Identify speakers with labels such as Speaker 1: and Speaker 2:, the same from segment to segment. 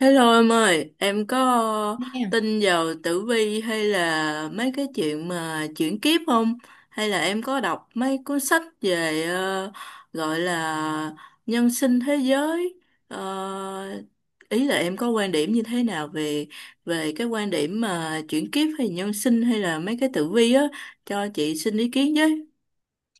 Speaker 1: Hello em ơi, em có
Speaker 2: Nha.
Speaker 1: tin vào tử vi hay là mấy cái chuyện mà chuyển kiếp không? Hay là em có đọc mấy cuốn sách về gọi là nhân sinh thế giới? Ờ, Ý là em có quan điểm như thế nào về về cái quan điểm mà chuyển kiếp hay nhân sinh hay là mấy cái tử vi á, cho chị xin ý kiến với.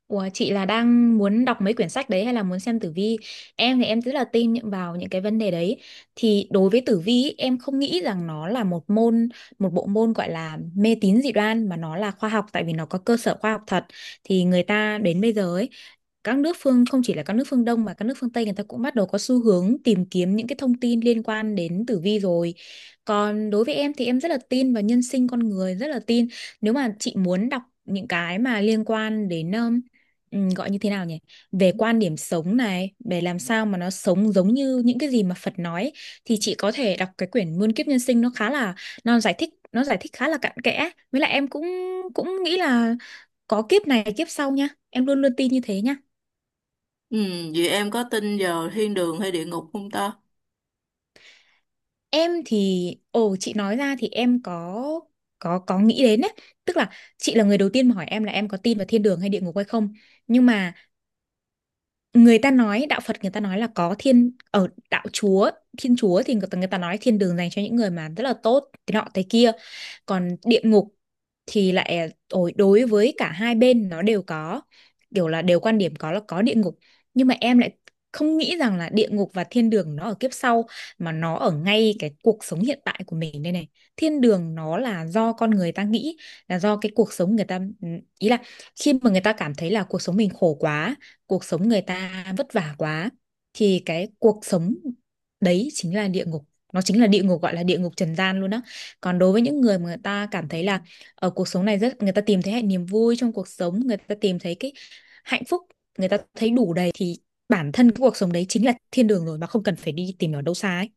Speaker 2: Ủa, chị là đang muốn đọc mấy quyển sách đấy hay là muốn xem tử vi? Em thì em rất là tin vào những cái vấn đề đấy. Thì đối với tử vi ý, em không nghĩ rằng nó là một môn, một bộ môn gọi là mê tín dị đoan mà nó là khoa học tại vì nó có cơ sở khoa học thật. Thì người ta đến bây giờ ấy, các nước phương không chỉ là các nước phương Đông mà các nước phương Tây người ta cũng bắt đầu có xu hướng tìm kiếm những cái thông tin liên quan đến tử vi rồi. Còn đối với em thì em rất là tin vào nhân sinh con người, rất là tin. Nếu mà chị muốn đọc những cái mà liên quan đến gọi như thế nào nhỉ, về quan điểm sống này để làm sao mà nó sống giống như những cái gì mà Phật nói ấy, thì chị có thể đọc cái quyển Muôn kiếp nhân sinh. Nó khá là, nó giải thích khá là cặn kẽ, với lại em cũng cũng nghĩ là có kiếp này kiếp sau nha, em luôn luôn tin như thế nha.
Speaker 1: Ừ, vậy em có tin vào thiên đường hay địa ngục không ta?
Speaker 2: Em thì, chị nói ra thì em có có nghĩ đến đấy. Tức là chị là người đầu tiên mà hỏi em là em có tin vào thiên đường hay địa ngục hay không. Nhưng mà người ta nói đạo Phật, người ta nói là có thiên, ở đạo Chúa, thiên Chúa thì người ta nói thiên đường dành cho những người mà rất là tốt thế nọ thế kia. Còn địa ngục thì lại đối với cả hai bên nó đều có, kiểu là đều quan điểm có là có địa ngục. Nhưng mà em lại không nghĩ rằng là địa ngục và thiên đường nó ở kiếp sau, mà nó ở ngay cái cuộc sống hiện tại của mình đây này. Thiên đường nó là do con người ta nghĩ, là do cái cuộc sống người ta, ý là khi mà người ta cảm thấy là cuộc sống mình khổ quá, cuộc sống người ta vất vả quá, thì cái cuộc sống đấy chính là địa ngục, nó chính là địa ngục, gọi là địa ngục trần gian luôn đó. Còn đối với những người mà người ta cảm thấy là ở cuộc sống này rất, người ta tìm thấy hạnh, niềm vui trong cuộc sống, người ta tìm thấy cái hạnh phúc, người ta thấy đủ đầy thì bản thân cái cuộc sống đấy chính là thiên đường rồi, mà không cần phải đi tìm ở đâu xa ấy.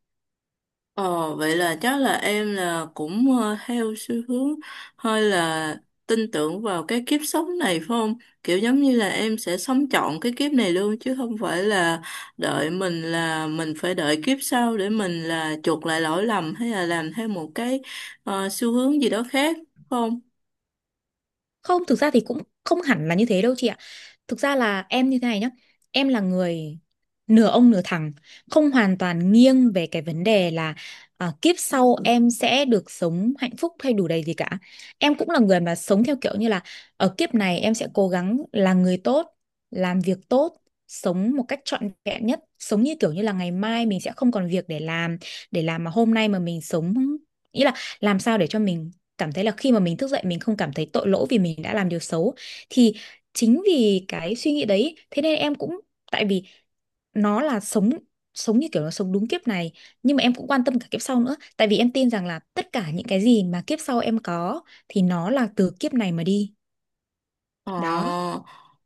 Speaker 1: Ờ, vậy là chắc là em là cũng theo xu hướng hơi là tin tưởng vào cái kiếp sống này phải không? Kiểu giống như là em sẽ sống trọn cái kiếp này luôn, chứ không phải là đợi mình, là mình phải đợi kiếp sau để mình là chuộc lại lỗi lầm, hay là làm theo một cái xu hướng gì đó khác phải không?
Speaker 2: Không, thực ra thì cũng không hẳn là như thế đâu chị ạ. Thực ra là em như thế này nhá. Em là người nửa ông nửa thằng, không hoàn toàn nghiêng về cái vấn đề là à, kiếp sau em sẽ được sống hạnh phúc hay đủ đầy gì cả. Em cũng là người mà sống theo kiểu như là ở kiếp này em sẽ cố gắng là người tốt, làm việc tốt, sống một cách trọn vẹn nhất, sống như kiểu như là ngày mai mình sẽ không còn việc để làm, mà hôm nay mà mình sống, ý là làm sao để cho mình cảm thấy là khi mà mình thức dậy mình không cảm thấy tội lỗi vì mình đã làm điều xấu. Thì chính vì cái suy nghĩ đấy thế nên em cũng, tại vì nó là sống, như kiểu là sống đúng kiếp này. Nhưng mà em cũng quan tâm cả kiếp sau nữa tại vì em tin rằng là tất cả những cái gì mà kiếp sau em có thì nó là từ kiếp này mà đi. Đó.
Speaker 1: Ờ,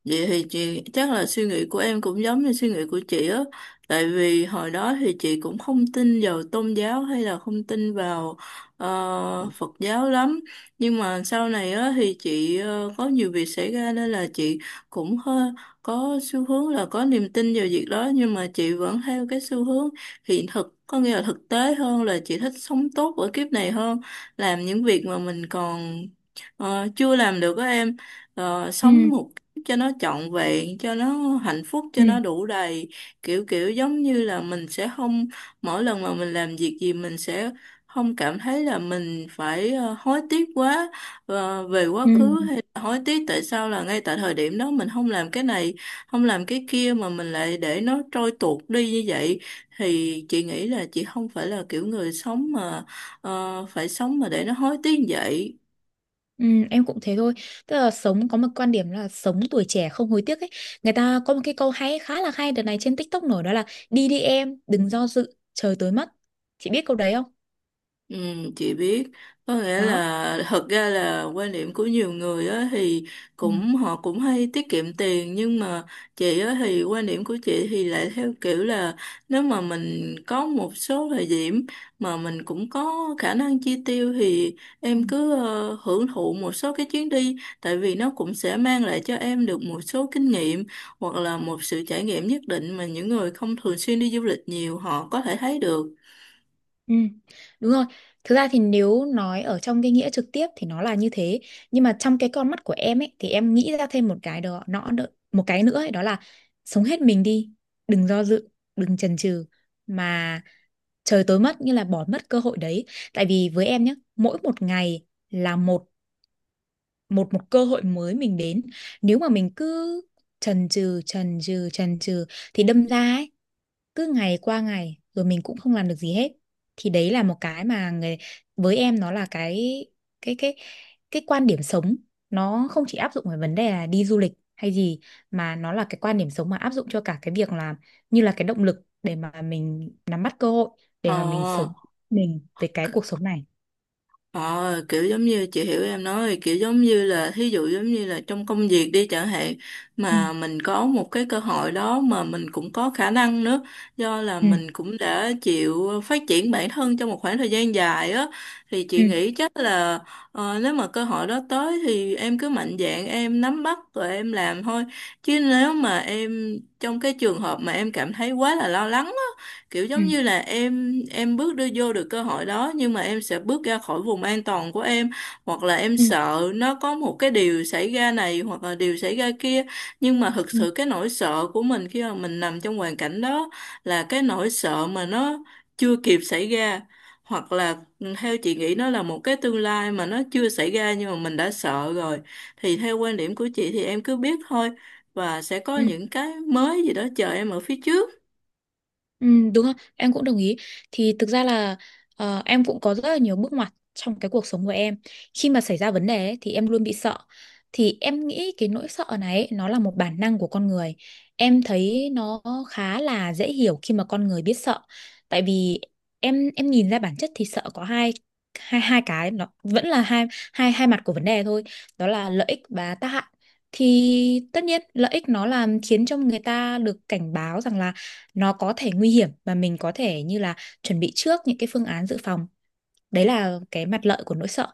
Speaker 1: vậy thì chị chắc là suy nghĩ của em cũng giống như suy nghĩ của chị á, tại vì hồi đó thì chị cũng không tin vào tôn giáo hay là không tin vào Phật giáo lắm, nhưng mà sau này á thì chị có nhiều việc xảy ra nên là chị cũng hơi có xu hướng là có niềm tin vào việc đó, nhưng mà chị vẫn theo cái xu hướng hiện thực, có nghĩa là thực tế hơn, là chị thích sống tốt ở kiếp này hơn, làm những việc mà mình còn chưa làm được á em,
Speaker 2: Ừ,
Speaker 1: sống một cách cho nó trọn vẹn, cho nó hạnh phúc,
Speaker 2: ừ,
Speaker 1: cho nó đủ đầy. Kiểu kiểu giống như là mình sẽ không, mỗi lần mà mình làm việc gì mình sẽ không cảm thấy là mình phải hối tiếc quá, về quá khứ,
Speaker 2: ừ.
Speaker 1: hay là hối tiếc tại sao là ngay tại thời điểm đó mình không làm cái này, không làm cái kia mà mình lại để nó trôi tuột đi như vậy. Thì chị nghĩ là chị không phải là kiểu người sống mà phải sống mà để nó hối tiếc như vậy.
Speaker 2: Ừ, em cũng thế thôi, tức là sống có một quan điểm là sống tuổi trẻ không hối tiếc ấy. Người ta có một cái câu hay, khá là hay đợt này trên TikTok nổi, đó là đi đi em đừng do dự trời tối mất, chị biết câu đấy không?
Speaker 1: Ừ, chị biết. Có nghĩa
Speaker 2: Đó.
Speaker 1: là thật ra là quan điểm của nhiều người á thì
Speaker 2: Ừ.
Speaker 1: cũng, họ cũng hay tiết kiệm tiền, nhưng mà chị á thì quan điểm của chị thì lại theo kiểu là nếu mà mình có một số thời điểm mà mình cũng có khả năng chi tiêu thì em cứ hưởng thụ một số cái chuyến đi, tại vì nó cũng sẽ mang lại cho em được một số kinh nghiệm hoặc là một sự trải nghiệm nhất định mà những người không thường xuyên đi du lịch nhiều họ có thể thấy được.
Speaker 2: Ừ, đúng rồi. Thực ra thì nếu nói ở trong cái nghĩa trực tiếp thì nó là như thế, nhưng mà trong cái con mắt của em ấy thì em nghĩ ra thêm một cái, đó nó một cái nữa ấy, đó là sống hết mình đi, đừng do dự, đừng chần chừ mà trời tối mất, như là bỏ mất cơ hội đấy. Tại vì với em nhé, mỗi một ngày là một một một cơ hội mới mình đến. Nếu mà mình cứ chần chừ thì đâm ra ấy, cứ ngày qua ngày rồi mình cũng không làm được gì hết. Thì đấy là một cái mà người, với em nó là cái cái cái cái quan điểm sống. Nó không chỉ áp dụng về vấn đề là đi du lịch hay gì, mà nó là cái quan điểm sống mà áp dụng cho cả cái việc là như là cái động lực để mà mình nắm bắt cơ hội,
Speaker 1: Ờ.
Speaker 2: để mà mình sống, mình về cái cuộc sống này.
Speaker 1: Ờ, kiểu giống như chị hiểu em nói rồi, kiểu giống như là thí dụ giống như là trong công việc đi chẳng hạn,
Speaker 2: Ừ,
Speaker 1: mà mình có một cái cơ hội đó mà mình cũng có khả năng nữa, do là
Speaker 2: ừ,
Speaker 1: mình cũng đã chịu phát triển bản thân trong một khoảng thời gian dài á, thì
Speaker 2: ừ,
Speaker 1: chị nghĩ chắc là nếu mà cơ hội đó tới thì em cứ mạnh dạn em nắm bắt rồi em làm thôi. Chứ nếu mà em trong cái trường hợp mà em cảm thấy quá là lo lắng, kiểu
Speaker 2: ừ,
Speaker 1: giống như là em bước đưa vô được cơ hội đó, nhưng mà em sẽ bước ra khỏi vùng an toàn của em, hoặc là em
Speaker 2: ừ,
Speaker 1: sợ nó có một cái điều xảy ra này hoặc là điều xảy ra kia, nhưng mà thực
Speaker 2: ừ,
Speaker 1: sự cái nỗi sợ của mình khi mà mình nằm trong hoàn cảnh đó là cái nỗi sợ mà nó chưa kịp xảy ra, hoặc là ừ, theo chị nghĩ nó là một cái tương lai mà nó chưa xảy ra nhưng mà mình đã sợ rồi. Thì theo quan điểm của chị thì em cứ biết thôi, và sẽ có
Speaker 2: ừ.
Speaker 1: những cái mới gì đó chờ em ở phía trước.
Speaker 2: Ừ, đúng không? Em cũng đồng ý. Thì thực ra là em cũng có rất là nhiều bước ngoặt trong cái cuộc sống của em. Khi mà xảy ra vấn đề ấy, thì em luôn bị sợ. Thì em nghĩ cái nỗi sợ này ấy, nó là một bản năng của con người. Em thấy nó khá là dễ hiểu khi mà con người biết sợ. Tại vì em nhìn ra bản chất thì sợ có hai, hai cái, nó vẫn là hai hai hai mặt của vấn đề thôi. Đó là lợi ích và tác hại. Thì tất nhiên lợi ích nó làm khiến cho người ta được cảnh báo rằng là nó có thể nguy hiểm và mình có thể như là chuẩn bị trước những cái phương án dự phòng, đấy là cái mặt lợi của nỗi sợ.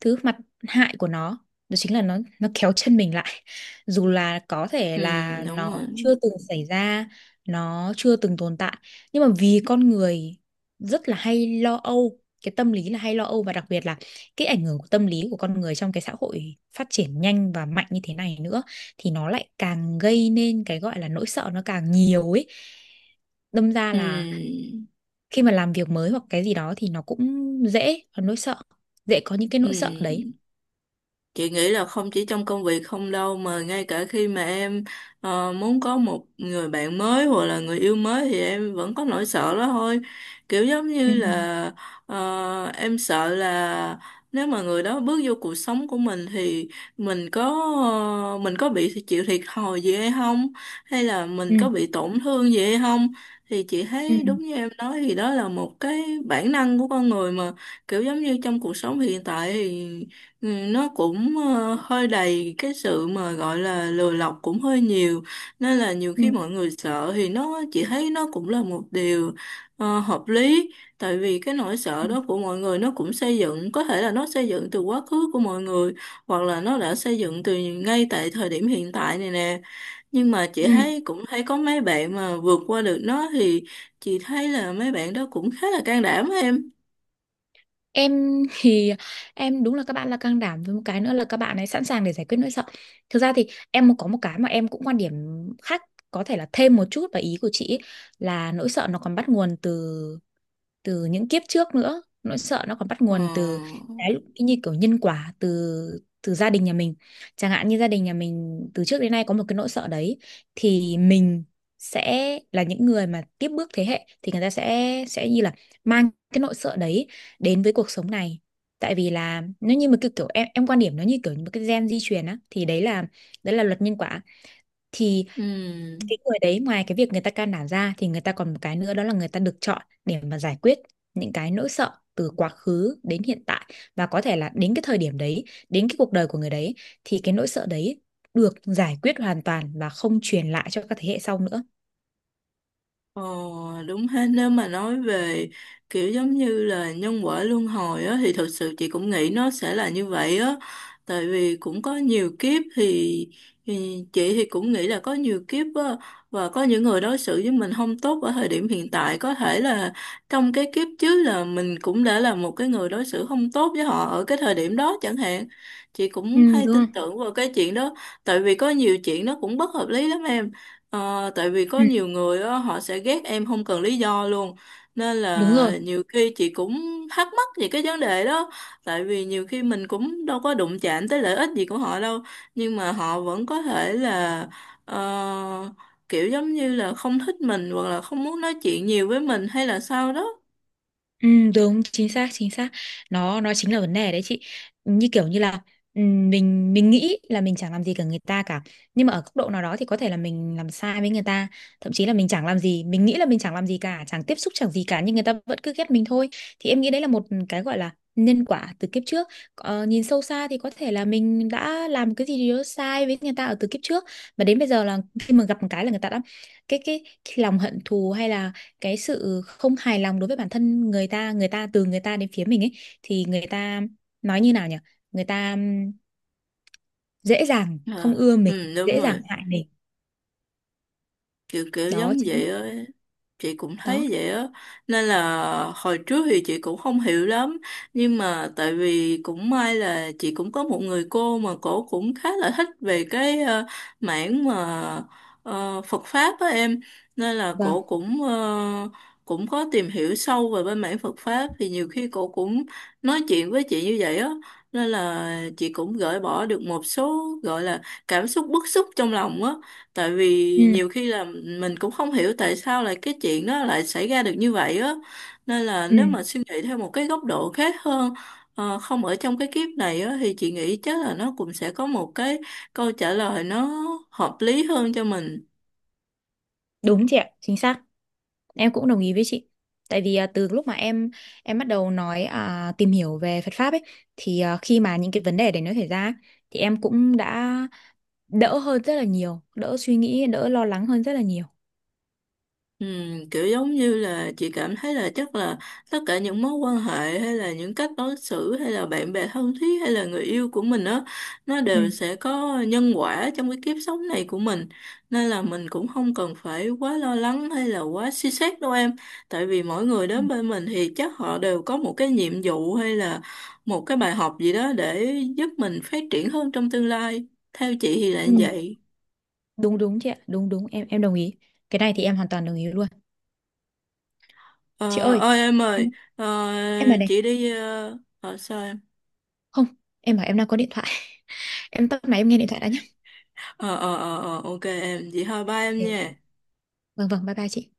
Speaker 2: Thứ, mặt hại của nó đó chính là nó kéo chân mình lại dù là có thể
Speaker 1: Ừ,
Speaker 2: là
Speaker 1: đúng
Speaker 2: nó
Speaker 1: rồi.
Speaker 2: chưa từng xảy ra, nó chưa từng tồn tại. Nhưng mà vì con người rất là hay lo âu, cái tâm lý là hay lo âu, và đặc biệt là cái ảnh hưởng của tâm lý của con người trong cái xã hội phát triển nhanh và mạnh như thế này nữa, thì nó lại càng gây nên cái gọi là nỗi sợ nó càng nhiều ấy. Đâm ra
Speaker 1: Ừ.
Speaker 2: là khi mà làm việc mới hoặc cái gì đó thì nó cũng dễ có nỗi sợ, dễ có những cái nỗi sợ đấy.
Speaker 1: Ừ. Chị nghĩ là không chỉ trong công việc không đâu, mà ngay cả khi mà em muốn có một người bạn mới hoặc là người yêu mới thì em vẫn có nỗi sợ đó thôi. Kiểu giống
Speaker 2: Ừ,
Speaker 1: như là em sợ là nếu mà người đó bước vô cuộc sống của mình thì mình có, mình có bị chịu thiệt thòi gì hay không, hay là
Speaker 2: ừ,
Speaker 1: mình có bị tổn thương gì hay không. Thì chị
Speaker 2: ừ,
Speaker 1: thấy đúng như em nói thì đó là một cái bản năng của con người mà, kiểu giống như trong cuộc sống hiện tại thì ừ, nó cũng hơi đầy cái sự mà gọi là lừa lọc cũng hơi nhiều, nên là nhiều
Speaker 2: ừ,
Speaker 1: khi mọi người sợ thì nó chỉ thấy nó cũng là một điều hợp lý. Tại vì cái nỗi
Speaker 2: ừ,
Speaker 1: sợ đó của mọi người nó cũng xây dựng, có thể là nó xây dựng từ quá khứ của mọi người, hoặc là nó đã xây dựng từ ngay tại thời điểm hiện tại này nè. Nhưng mà chị
Speaker 2: ừ.
Speaker 1: thấy cũng thấy có mấy bạn mà vượt qua được nó thì chị thấy là mấy bạn đó cũng khá là can đảm em.
Speaker 2: Em thì, em đúng là các bạn là can đảm, với một cái nữa là các bạn ấy sẵn sàng để giải quyết nỗi sợ. Thực ra thì em có một cái mà em cũng quan điểm khác, có thể là thêm một chút vào ý của chị ấy, là nỗi sợ nó còn bắt nguồn từ, những kiếp trước nữa, nỗi sợ nó còn bắt
Speaker 1: Ờ,
Speaker 2: nguồn từ cái, như kiểu nhân quả từ, gia đình nhà mình. Chẳng hạn như gia đình nhà mình từ trước đến nay có một cái nỗi sợ đấy thì mình sẽ là những người mà tiếp bước thế hệ, thì người ta sẽ như là mang cái nỗi sợ đấy đến với cuộc sống này. Tại vì là nó như một cái kiểu, em quan điểm nó như kiểu một cái gen di truyền á, thì đấy là luật nhân quả. Thì
Speaker 1: ừ.
Speaker 2: cái người đấy ngoài cái việc người ta can đảm ra thì người ta còn một cái nữa, đó là người ta được chọn để mà giải quyết những cái nỗi sợ từ quá khứ đến hiện tại, và có thể là đến cái thời điểm đấy, đến cái cuộc đời của người đấy, thì cái nỗi sợ đấy được giải quyết hoàn toàn và không truyền lại cho các thế hệ sau nữa.
Speaker 1: Ờ, đúng hết. Nếu mà nói về kiểu giống như là nhân quả luân hồi á thì thật sự chị cũng nghĩ nó sẽ là như vậy á, tại vì cũng có nhiều kiếp thì chị thì cũng nghĩ là có nhiều kiếp á, và có những người đối xử với mình không tốt ở thời điểm hiện tại có thể là trong cái kiếp trước là mình cũng đã là một cái người đối xử không tốt với họ ở cái thời điểm đó chẳng hạn. Chị
Speaker 2: Ừ,
Speaker 1: cũng hay
Speaker 2: đúng
Speaker 1: tin
Speaker 2: rồi.
Speaker 1: tưởng vào cái chuyện đó, tại vì có nhiều chuyện nó cũng bất hợp lý lắm em. Ờ, tại vì có
Speaker 2: Ừ,
Speaker 1: nhiều người á, họ sẽ ghét em không cần lý do luôn, nên
Speaker 2: đúng rồi.
Speaker 1: là nhiều khi chị cũng thắc mắc về cái vấn đề đó. Tại vì nhiều khi mình cũng đâu có đụng chạm tới lợi ích gì của họ đâu, nhưng mà họ vẫn có thể là ờ, kiểu giống như là không thích mình, hoặc là không muốn nói chuyện nhiều với mình hay là sao đó.
Speaker 2: Ừ, đúng, chính xác, chính xác. Nó nó chính là vấn đề đấy chị. Như kiểu như là mình nghĩ là mình chẳng làm gì cả người ta cả, nhưng mà ở góc độ nào đó thì có thể là mình làm sai với người ta. Thậm chí là mình chẳng làm gì, mình nghĩ là mình chẳng làm gì cả, chẳng tiếp xúc chẳng gì cả, nhưng người ta vẫn cứ ghét mình thôi. Thì em nghĩ đấy là một cái gọi là nhân quả từ kiếp trước. Ờ, nhìn sâu xa thì có thể là mình đã làm cái gì đó sai với người ta ở từ kiếp trước, mà đến bây giờ là khi mà gặp một cái là người ta đã, cái lòng hận thù hay là cái sự không hài lòng đối với bản thân người ta, từ người ta đến phía mình ấy, thì người ta, nói như nào nhỉ, người ta dễ dàng không
Speaker 1: Ờ,
Speaker 2: ưa mình,
Speaker 1: ừ đúng
Speaker 2: dễ dàng
Speaker 1: rồi,
Speaker 2: hại mình.
Speaker 1: kiểu kiểu
Speaker 2: Đó
Speaker 1: giống
Speaker 2: chính,
Speaker 1: vậy á, chị cũng
Speaker 2: đó.
Speaker 1: thấy vậy á. Nên là hồi trước thì chị cũng không hiểu lắm, nhưng mà tại vì cũng may là chị cũng có một người cô mà cổ cũng khá là thích về cái mảng mà Phật pháp á em, nên là
Speaker 2: Vâng.
Speaker 1: cổ cũng cũng có tìm hiểu sâu về bên mảng Phật pháp, thì nhiều khi cổ cũng nói chuyện với chị như vậy á. Nên là chị cũng gỡ bỏ được một số gọi là cảm xúc bức xúc trong lòng á, tại vì
Speaker 2: Ừ,
Speaker 1: nhiều khi là mình cũng không hiểu tại sao lại cái chuyện đó lại xảy ra được như vậy á, nên là
Speaker 2: ừ,
Speaker 1: nếu mà suy nghĩ theo một cái góc độ khác hơn, không ở trong cái kiếp này á thì chị nghĩ chắc là nó cũng sẽ có một cái câu trả lời nó hợp lý hơn cho mình.
Speaker 2: đúng chị ạ, chính xác. Em cũng đồng ý với chị. Tại vì từ lúc mà em bắt đầu nói tìm hiểu về Phật pháp ấy, thì khi mà những cái vấn đề đấy nó xảy ra ấy, thì em cũng đã đỡ hơn rất là nhiều, đỡ suy nghĩ, đỡ lo lắng hơn rất là nhiều.
Speaker 1: Ừ, kiểu giống như là chị cảm thấy là chắc là tất cả những mối quan hệ hay là những cách đối xử hay là bạn bè thân thiết hay là người yêu của mình đó, nó
Speaker 2: Ừ.
Speaker 1: đều sẽ có nhân quả trong cái kiếp sống này của mình. Nên là mình cũng không cần phải quá lo lắng hay là quá suy xét đâu em, tại vì mỗi người
Speaker 2: Ừ.
Speaker 1: đến bên mình thì chắc họ đều có một cái nhiệm vụ hay là một cái bài học gì đó để giúp mình phát triển hơn trong tương lai. Theo chị thì là
Speaker 2: Ừ.
Speaker 1: như vậy.
Speaker 2: Đúng đúng chị ạ, đúng đúng, em đồng ý. Cái này thì em hoàn toàn đồng ý luôn. Chị
Speaker 1: Ờ,
Speaker 2: ơi,
Speaker 1: ơi em
Speaker 2: em
Speaker 1: ơi ờ,
Speaker 2: em là này.
Speaker 1: chị đi sao em?
Speaker 2: Không, em bảo em đang có điện thoại em tắt máy em nghe điện thoại đã nhé.
Speaker 1: Ờ, ok em, chị thôi ba
Speaker 2: Ok
Speaker 1: em
Speaker 2: ok,
Speaker 1: nha.
Speaker 2: vâng vâng, bye bye chị.